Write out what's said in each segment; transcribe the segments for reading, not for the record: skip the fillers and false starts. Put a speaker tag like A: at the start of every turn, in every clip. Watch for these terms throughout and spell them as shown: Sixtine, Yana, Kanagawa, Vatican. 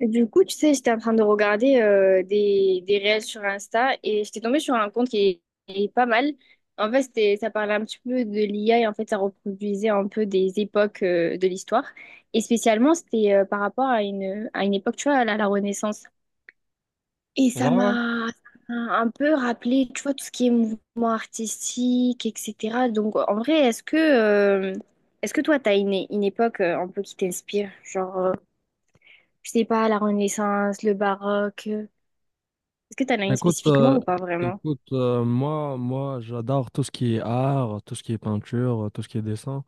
A: Du coup, tu sais, j'étais en train de regarder des réels sur Insta et j'étais tombée sur un compte qui est pas mal. En fait, ça parlait un petit peu de l'IA et en fait, ça reproduisait un peu des époques de l'histoire. Et spécialement, c'était par rapport à à une époque, tu vois, à la Renaissance. Et
B: Ouais,
A: ça
B: ouais.
A: m'a ça m'a un peu rappelé, tu vois, tout ce qui est mouvement artistique, etc. Donc, en vrai, est-ce que toi, t'as une époque un peu qui t'inspire. Genre, je sais pas, la Renaissance, le baroque. Est-ce que t'en as une
B: Écoute,
A: spécifiquement
B: euh,
A: ou pas vraiment?
B: écoute moi, j'adore tout ce qui est art, tout ce qui est peinture, tout ce qui est dessin.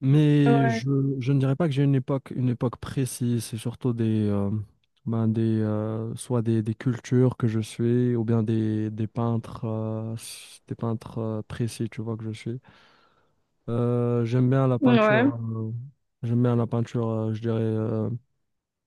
B: Mais
A: Ouais.
B: je, je ne dirais pas que j'ai une époque précise. C'est surtout ben soit des cultures que je suis, ou bien des peintres, des peintres précis, tu vois, que je suis. J'aime bien la
A: Ouais.
B: peinture, j'aime bien la peinture, je dirais,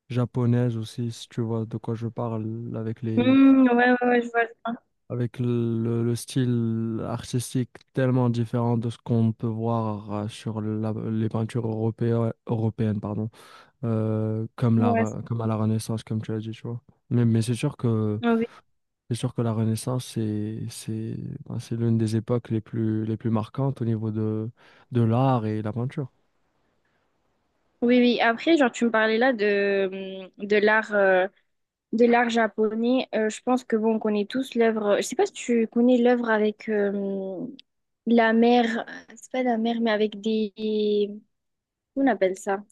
B: japonaise aussi, si tu vois de quoi je parle, avec les
A: Hmm, ouais, ouais, ouais, je vois. je
B: avec le style artistique tellement différent de ce qu'on peut voir sur les européennes, pardon, comme
A: vois. Ouais.
B: Comme à la Renaissance, comme tu as dit, tu vois. Mais
A: Oui.
B: c'est sûr que la Renaissance, c'est l'une des époques les plus marquantes au niveau de l'art et la peinture.
A: Oui, oui. Après, genre, tu me parlais là de, mmh, de l'art japonais. Je pense que bon, on connaît tous l'œuvre. Je sais pas si tu connais l'œuvre avec la mer. C'est pas la mer, mais avec des. Comment on appelle ça?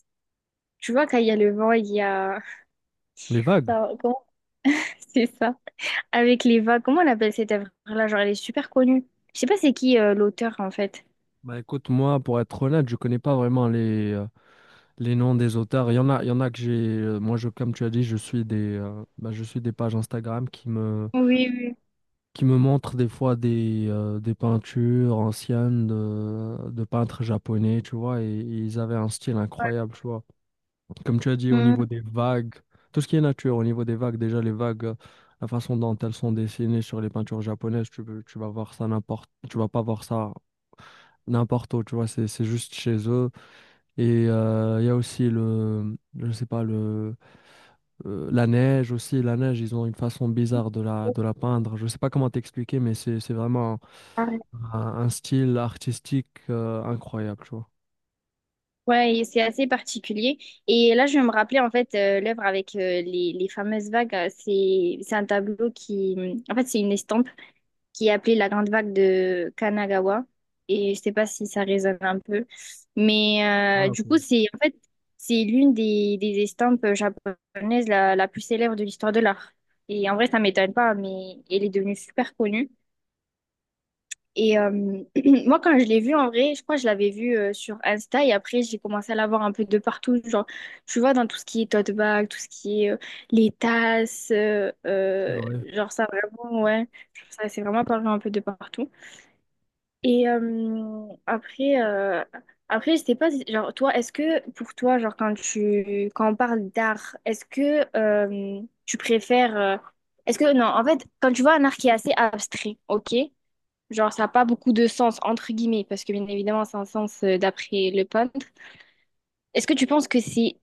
A: Tu vois, quand il y a le vent, il y a.
B: Les vagues.
A: Ça, comment? C'est ça. Avec les vagues, comment on appelle cette œuvre-là? Genre, elle est super connue. Je sais pas c'est qui l'auteur en fait.
B: Bah écoute, moi, pour être honnête, je connais pas vraiment les noms des auteurs, il y en a, il y en a que j'ai. Comme tu as dit, je suis bah, je suis des pages Instagram
A: Oui, oui.
B: qui me montrent des fois des peintures anciennes de peintres japonais, tu vois, et ils avaient un style incroyable, tu vois. Comme tu as dit, au
A: Hmm.
B: niveau des vagues, tout ce qui est nature, au niveau des vagues, déjà les vagues, la façon dont elles sont dessinées sur les peintures japonaises, tu vas voir ça n'importe, tu vas pas voir ça n'importe où, tu vois, c'est juste chez eux. Et il y a aussi je sais pas, le la neige aussi, la neige, ils ont une façon bizarre de de la peindre. Je sais pas comment t'expliquer, c'est vraiment un style artistique incroyable, tu vois.
A: Ouais, et c'est assez particulier. Et là, je vais me rappeler en fait l'œuvre avec les fameuses vagues. C'est un tableau qui, en fait, c'est une estampe, qui est appelée la grande vague de Kanagawa. Et je sais pas si ça résonne un peu. Mais
B: Ah, ok,
A: du coup, c'est l'une des estampes japonaises la plus célèbre de l'histoire de l'art. Et en vrai, ça m'étonne pas, mais elle est devenue super connue. Et moi, quand je l'ai vue, en vrai, je crois que je l'avais vue sur Insta et après, j'ai commencé à la voir un peu de partout. Genre, tu vois, dans tout ce qui est tote bag, tout ce qui est les tasses,
B: c'est vrai.
A: genre ça, vraiment, ouais, ça, c'est vraiment apparu un peu de partout. Et après, je sais pas, genre, toi, est-ce que pour toi, genre, quand tu, quand on parle d'art, est-ce que tu préfères, est-ce que, non, en fait, quand tu vois un art qui est assez abstrait, ok, genre, ça n'a pas beaucoup de sens, entre guillemets, parce que bien évidemment, c'est un sens d'après le peintre, est-ce que tu penses que c'est,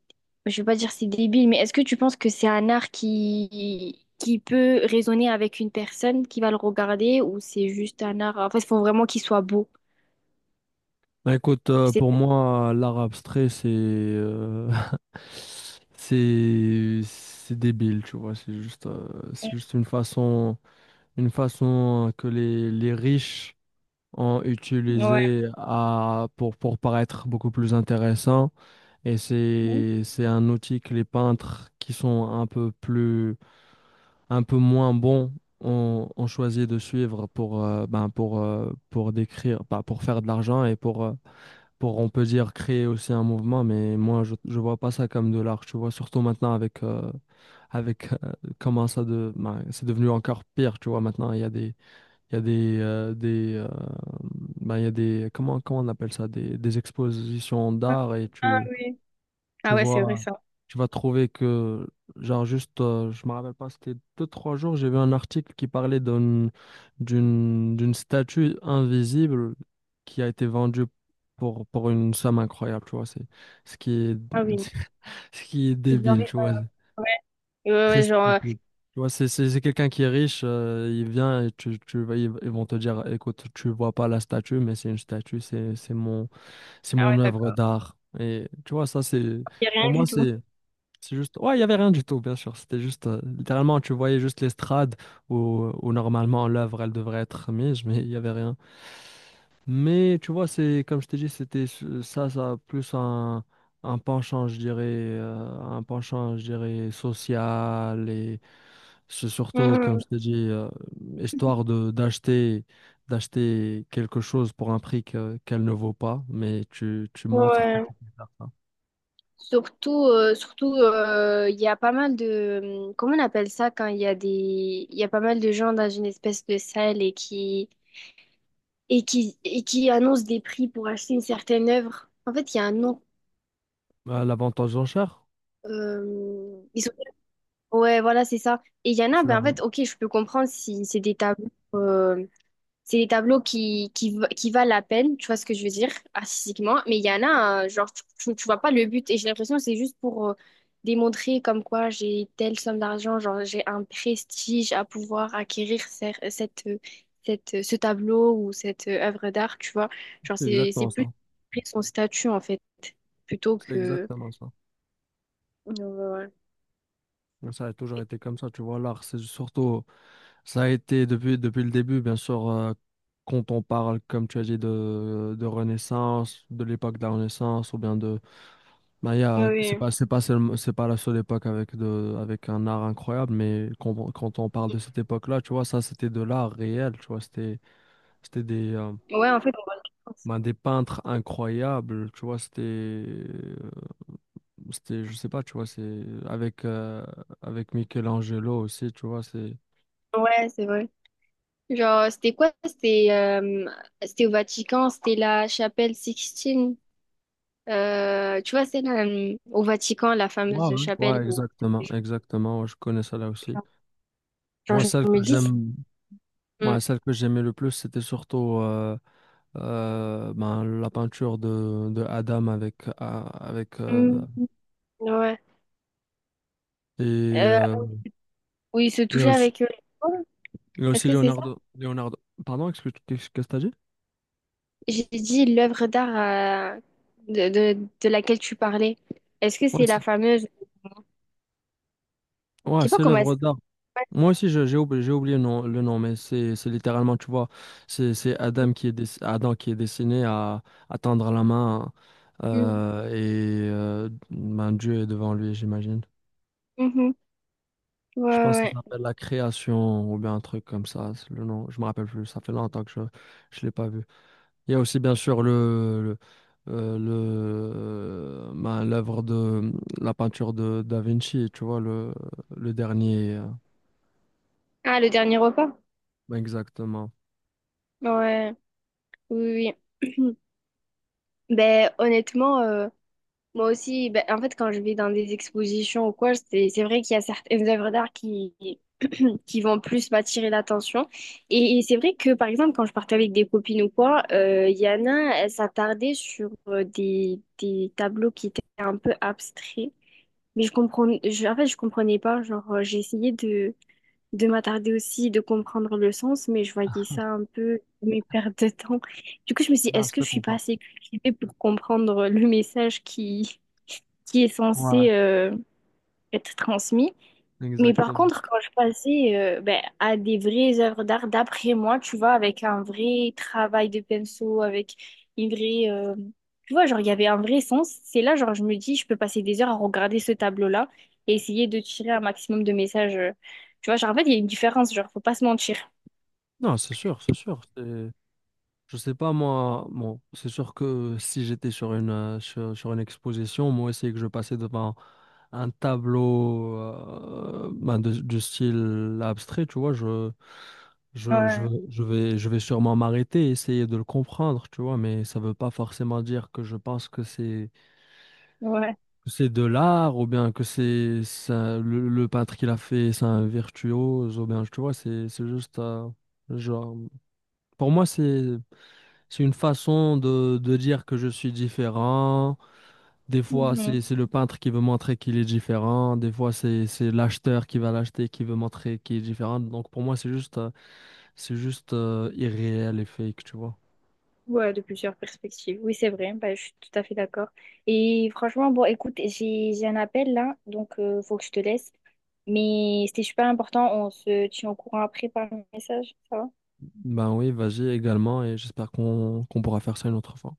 A: je veux pas dire c'est débile, mais est-ce que tu penses que c'est un art qui peut résonner avec une personne qui va le regarder ou c'est juste un art, en fait, il faut vraiment qu'il soit beau?
B: Bah, écoute,
A: Je sais.
B: pour moi, l'art abstrait, c'est c'est débile, tu vois. C'est juste une façon que les riches ont
A: Ouais.
B: utilisé à, pour paraître beaucoup plus intéressant. Et c'est un outil que les peintres qui sont un peu plus, un peu moins bons ont, ont choisi de suivre pour, ben pour décrire, pas pour faire de l'argent et pour, on peut dire, créer aussi un mouvement. Mais moi, je vois pas ça comme de l'art, tu vois, surtout maintenant avec comment ça de, ben, c'est devenu encore pire, tu vois, maintenant, il y a des il y a des ben, il y a des, comment, comment on appelle ça, des expositions d'art et
A: Ah oui.
B: tu
A: Ah ouais, c'est vrai
B: vois,
A: ça.
B: tu vas trouver que, je me rappelle pas, c'était deux, trois jours, j'ai vu un article qui parlait d'une statue invisible qui a été vendue pour une somme incroyable, tu vois, c'est ce qui est,
A: Ah oui.
B: ce qui est
A: C'est bien
B: débile,
A: vrai.
B: tu vois,
A: Ouais, ouais,
B: très
A: ouais, genre.
B: stupide. Tu vois, c'est quelqu'un qui est riche, il vient et ils vont te dire, écoute, tu vois pas la statue, mais c'est une statue, c'est
A: Ah
B: mon
A: ouais,
B: œuvre
A: d'accord.
B: d'art. Et tu vois, ça c'est
A: Il a
B: pour
A: rien
B: moi
A: du tout.
B: c'est juste, ouais, il y avait rien du tout, bien sûr. C'était juste, littéralement, tu voyais juste l'estrade où normalement l'œuvre, elle devrait être mise, mais il y avait rien. Mais tu vois, c'est comme je t'ai dit, ça, ça, plus un penchant, je dirais, un penchant, je dirais, social et c'est surtout, comme
A: Mhm.
B: je t'ai dit, histoire de d'acheter, d'acheter quelque chose pour un prix qu'elle ne vaut pas, mais tu montres que
A: Ouais.
B: tu peux faire ça.
A: Surtout, il y a pas mal de, comment on appelle ça quand il y a des, il y a pas mal de gens dans une espèce de salle et qui annoncent des prix pour acheter une certaine œuvre. En fait, il y a un nom.
B: L'avantage d'enchère.
A: euh, ils sont- ouais, voilà, c'est ça. Et il y en a, ben en fait, ok, je peux comprendre si c'est des tableaux. Euh, C'est des tableaux qui valent la peine, tu vois ce que je veux dire, artistiquement. Mais il y en a, genre, tu vois pas le but. Et j'ai l'impression que c'est juste pour démontrer comme quoi j'ai telle somme d'argent, genre, j'ai un prestige à pouvoir acquérir ce tableau ou cette œuvre d'art, tu vois. Genre,
B: C'est
A: c'est
B: exactement
A: plus
B: ça.
A: son statut, en fait, plutôt
B: C'est
A: que.
B: exactement ça.
A: Ouais.
B: Mais ça a toujours été comme ça, tu vois. L'art, c'est surtout, ça a été depuis, depuis le début, bien sûr, quand on parle, comme tu as dit, de Renaissance, de l'époque de la Renaissance, ou bien de Maya,
A: Oui.
B: c'est pas la seule époque avec, de, avec un art incroyable, mais quand on parle de cette époque-là, tu vois, ça, c'était de l'art réel, tu vois. C'était
A: Ouais, en fait, on va le faire.
B: ben, des peintres incroyables, tu vois. C'était. C'était, je sais pas, tu vois, avec Michelangelo aussi, tu vois, c'est...
A: Ouais, c'est vrai. Genre, c'était quoi? C'était au Vatican, c'était la chapelle Sixtine. Tu vois, au Vatican, la
B: Ouais,
A: fameuse
B: ouais.
A: chapelle
B: Ouais,
A: où,
B: exactement, exactement, ouais, je connais ça là aussi.
A: genre,
B: Moi,
A: je
B: celle
A: me
B: que
A: dis,
B: j'aime,
A: Mm.
B: moi, celle que j'aimais le plus, c'était surtout ben, la peinture de Adam avec
A: Mm. Ouais,
B: et,
A: Euh,
B: euh,
A: où il se
B: et
A: touchait
B: aussi,
A: avec eux.
B: et
A: Est-ce
B: aussi
A: que c'est ça?
B: Leonardo, Leonardo. Pardon, excuse, qu'est-ce que t'as dit?
A: J'ai dit l'œuvre d'art de laquelle tu parlais. Est-ce que
B: Ouais,
A: c'est
B: c'est
A: la fameuse? Je
B: ouais,
A: sais pas
B: c'est
A: comment elle
B: l'œuvre d'art.
A: s'appelle.
B: J'ai oublié le nom, mais c'est littéralement, tu vois, c'est Adam Adam qui est destiné à tendre la main
A: Mm.
B: et ben, Dieu est devant lui, j'imagine.
A: Mhm. Ouais,
B: Je pense que ça
A: ouais. ouais.
B: s'appelle la création ou bien un truc comme ça. C'est Le nom, je me rappelle plus. Ça fait longtemps que je l'ai pas vu. Il y a aussi bien sûr le ben, l'œuvre de la peinture de Da Vinci, tu vois le dernier.
A: Ah, le dernier repas?
B: Ben, exactement.
A: Ouais, oui, oui. Ben, honnêtement. Moi aussi, ben, en fait, quand je vais dans des expositions ou quoi, c'est vrai qu'il y a certaines œuvres d'art qui, qui vont plus m'attirer l'attention. Et c'est vrai que, par exemple, quand je partais avec des copines ou quoi, Yana, elle s'attardait sur des tableaux qui étaient un peu abstraits. Mais je comprenais, en fait, je comprenais pas. Genre, j'ai essayé de m'attarder aussi, de comprendre le sens, mais je voyais ça un peu, mes pertes de temps. Du coup, je me suis dit,
B: Ah,
A: est-ce
B: je
A: que
B: te
A: je suis pas
B: comprends.
A: assez cultivée pour comprendre le message qui est
B: Ouais.
A: censé être transmis. Mais par
B: Exactement.
A: contre, quand je passais ben, à des vraies œuvres d'art, d'après moi, tu vois, avec un vrai travail de pinceau, avec une vraie. Tu vois, genre, il y avait un vrai sens. C'est là, genre, je me dis, je peux passer des heures à regarder ce tableau-là et essayer de tirer un maximum de messages. Tu vois, genre, en fait, il y a une différence, genre, faut pas se mentir.
B: Non, c'est sûr, je sais pas, moi, bon, c'est sûr que si j'étais sur une, sur une exposition, moi aussi, et que je passais devant un tableau ben, du style abstrait, tu vois,
A: Ouais,
B: je vais sûrement m'arrêter, essayer de le comprendre, tu vois, mais ça veut pas forcément dire que je pense
A: ouais.
B: que c'est de l'art ou bien que c'est le peintre qui l'a fait, c'est un virtuose ou bien, tu vois, c'est juste... Genre, Pour moi, c'est une façon de dire que je suis différent. Des fois,
A: Mhm.
B: c'est le peintre qui veut montrer qu'il est différent. Des fois, c'est l'acheteur qui va l'acheter qui veut montrer qu'il est différent. Donc pour moi, c'est juste irréel et fake, tu vois.
A: Ouais, de plusieurs perspectives. Oui, c'est vrai. Bah, je suis tout à fait d'accord. Et franchement, bon, écoute, j'ai un appel là, donc faut que je te laisse. Mais c'était super important. On se tient au courant après par message, ça va?
B: Ben oui, vas-y également et j'espère qu'on pourra faire ça une autre fois.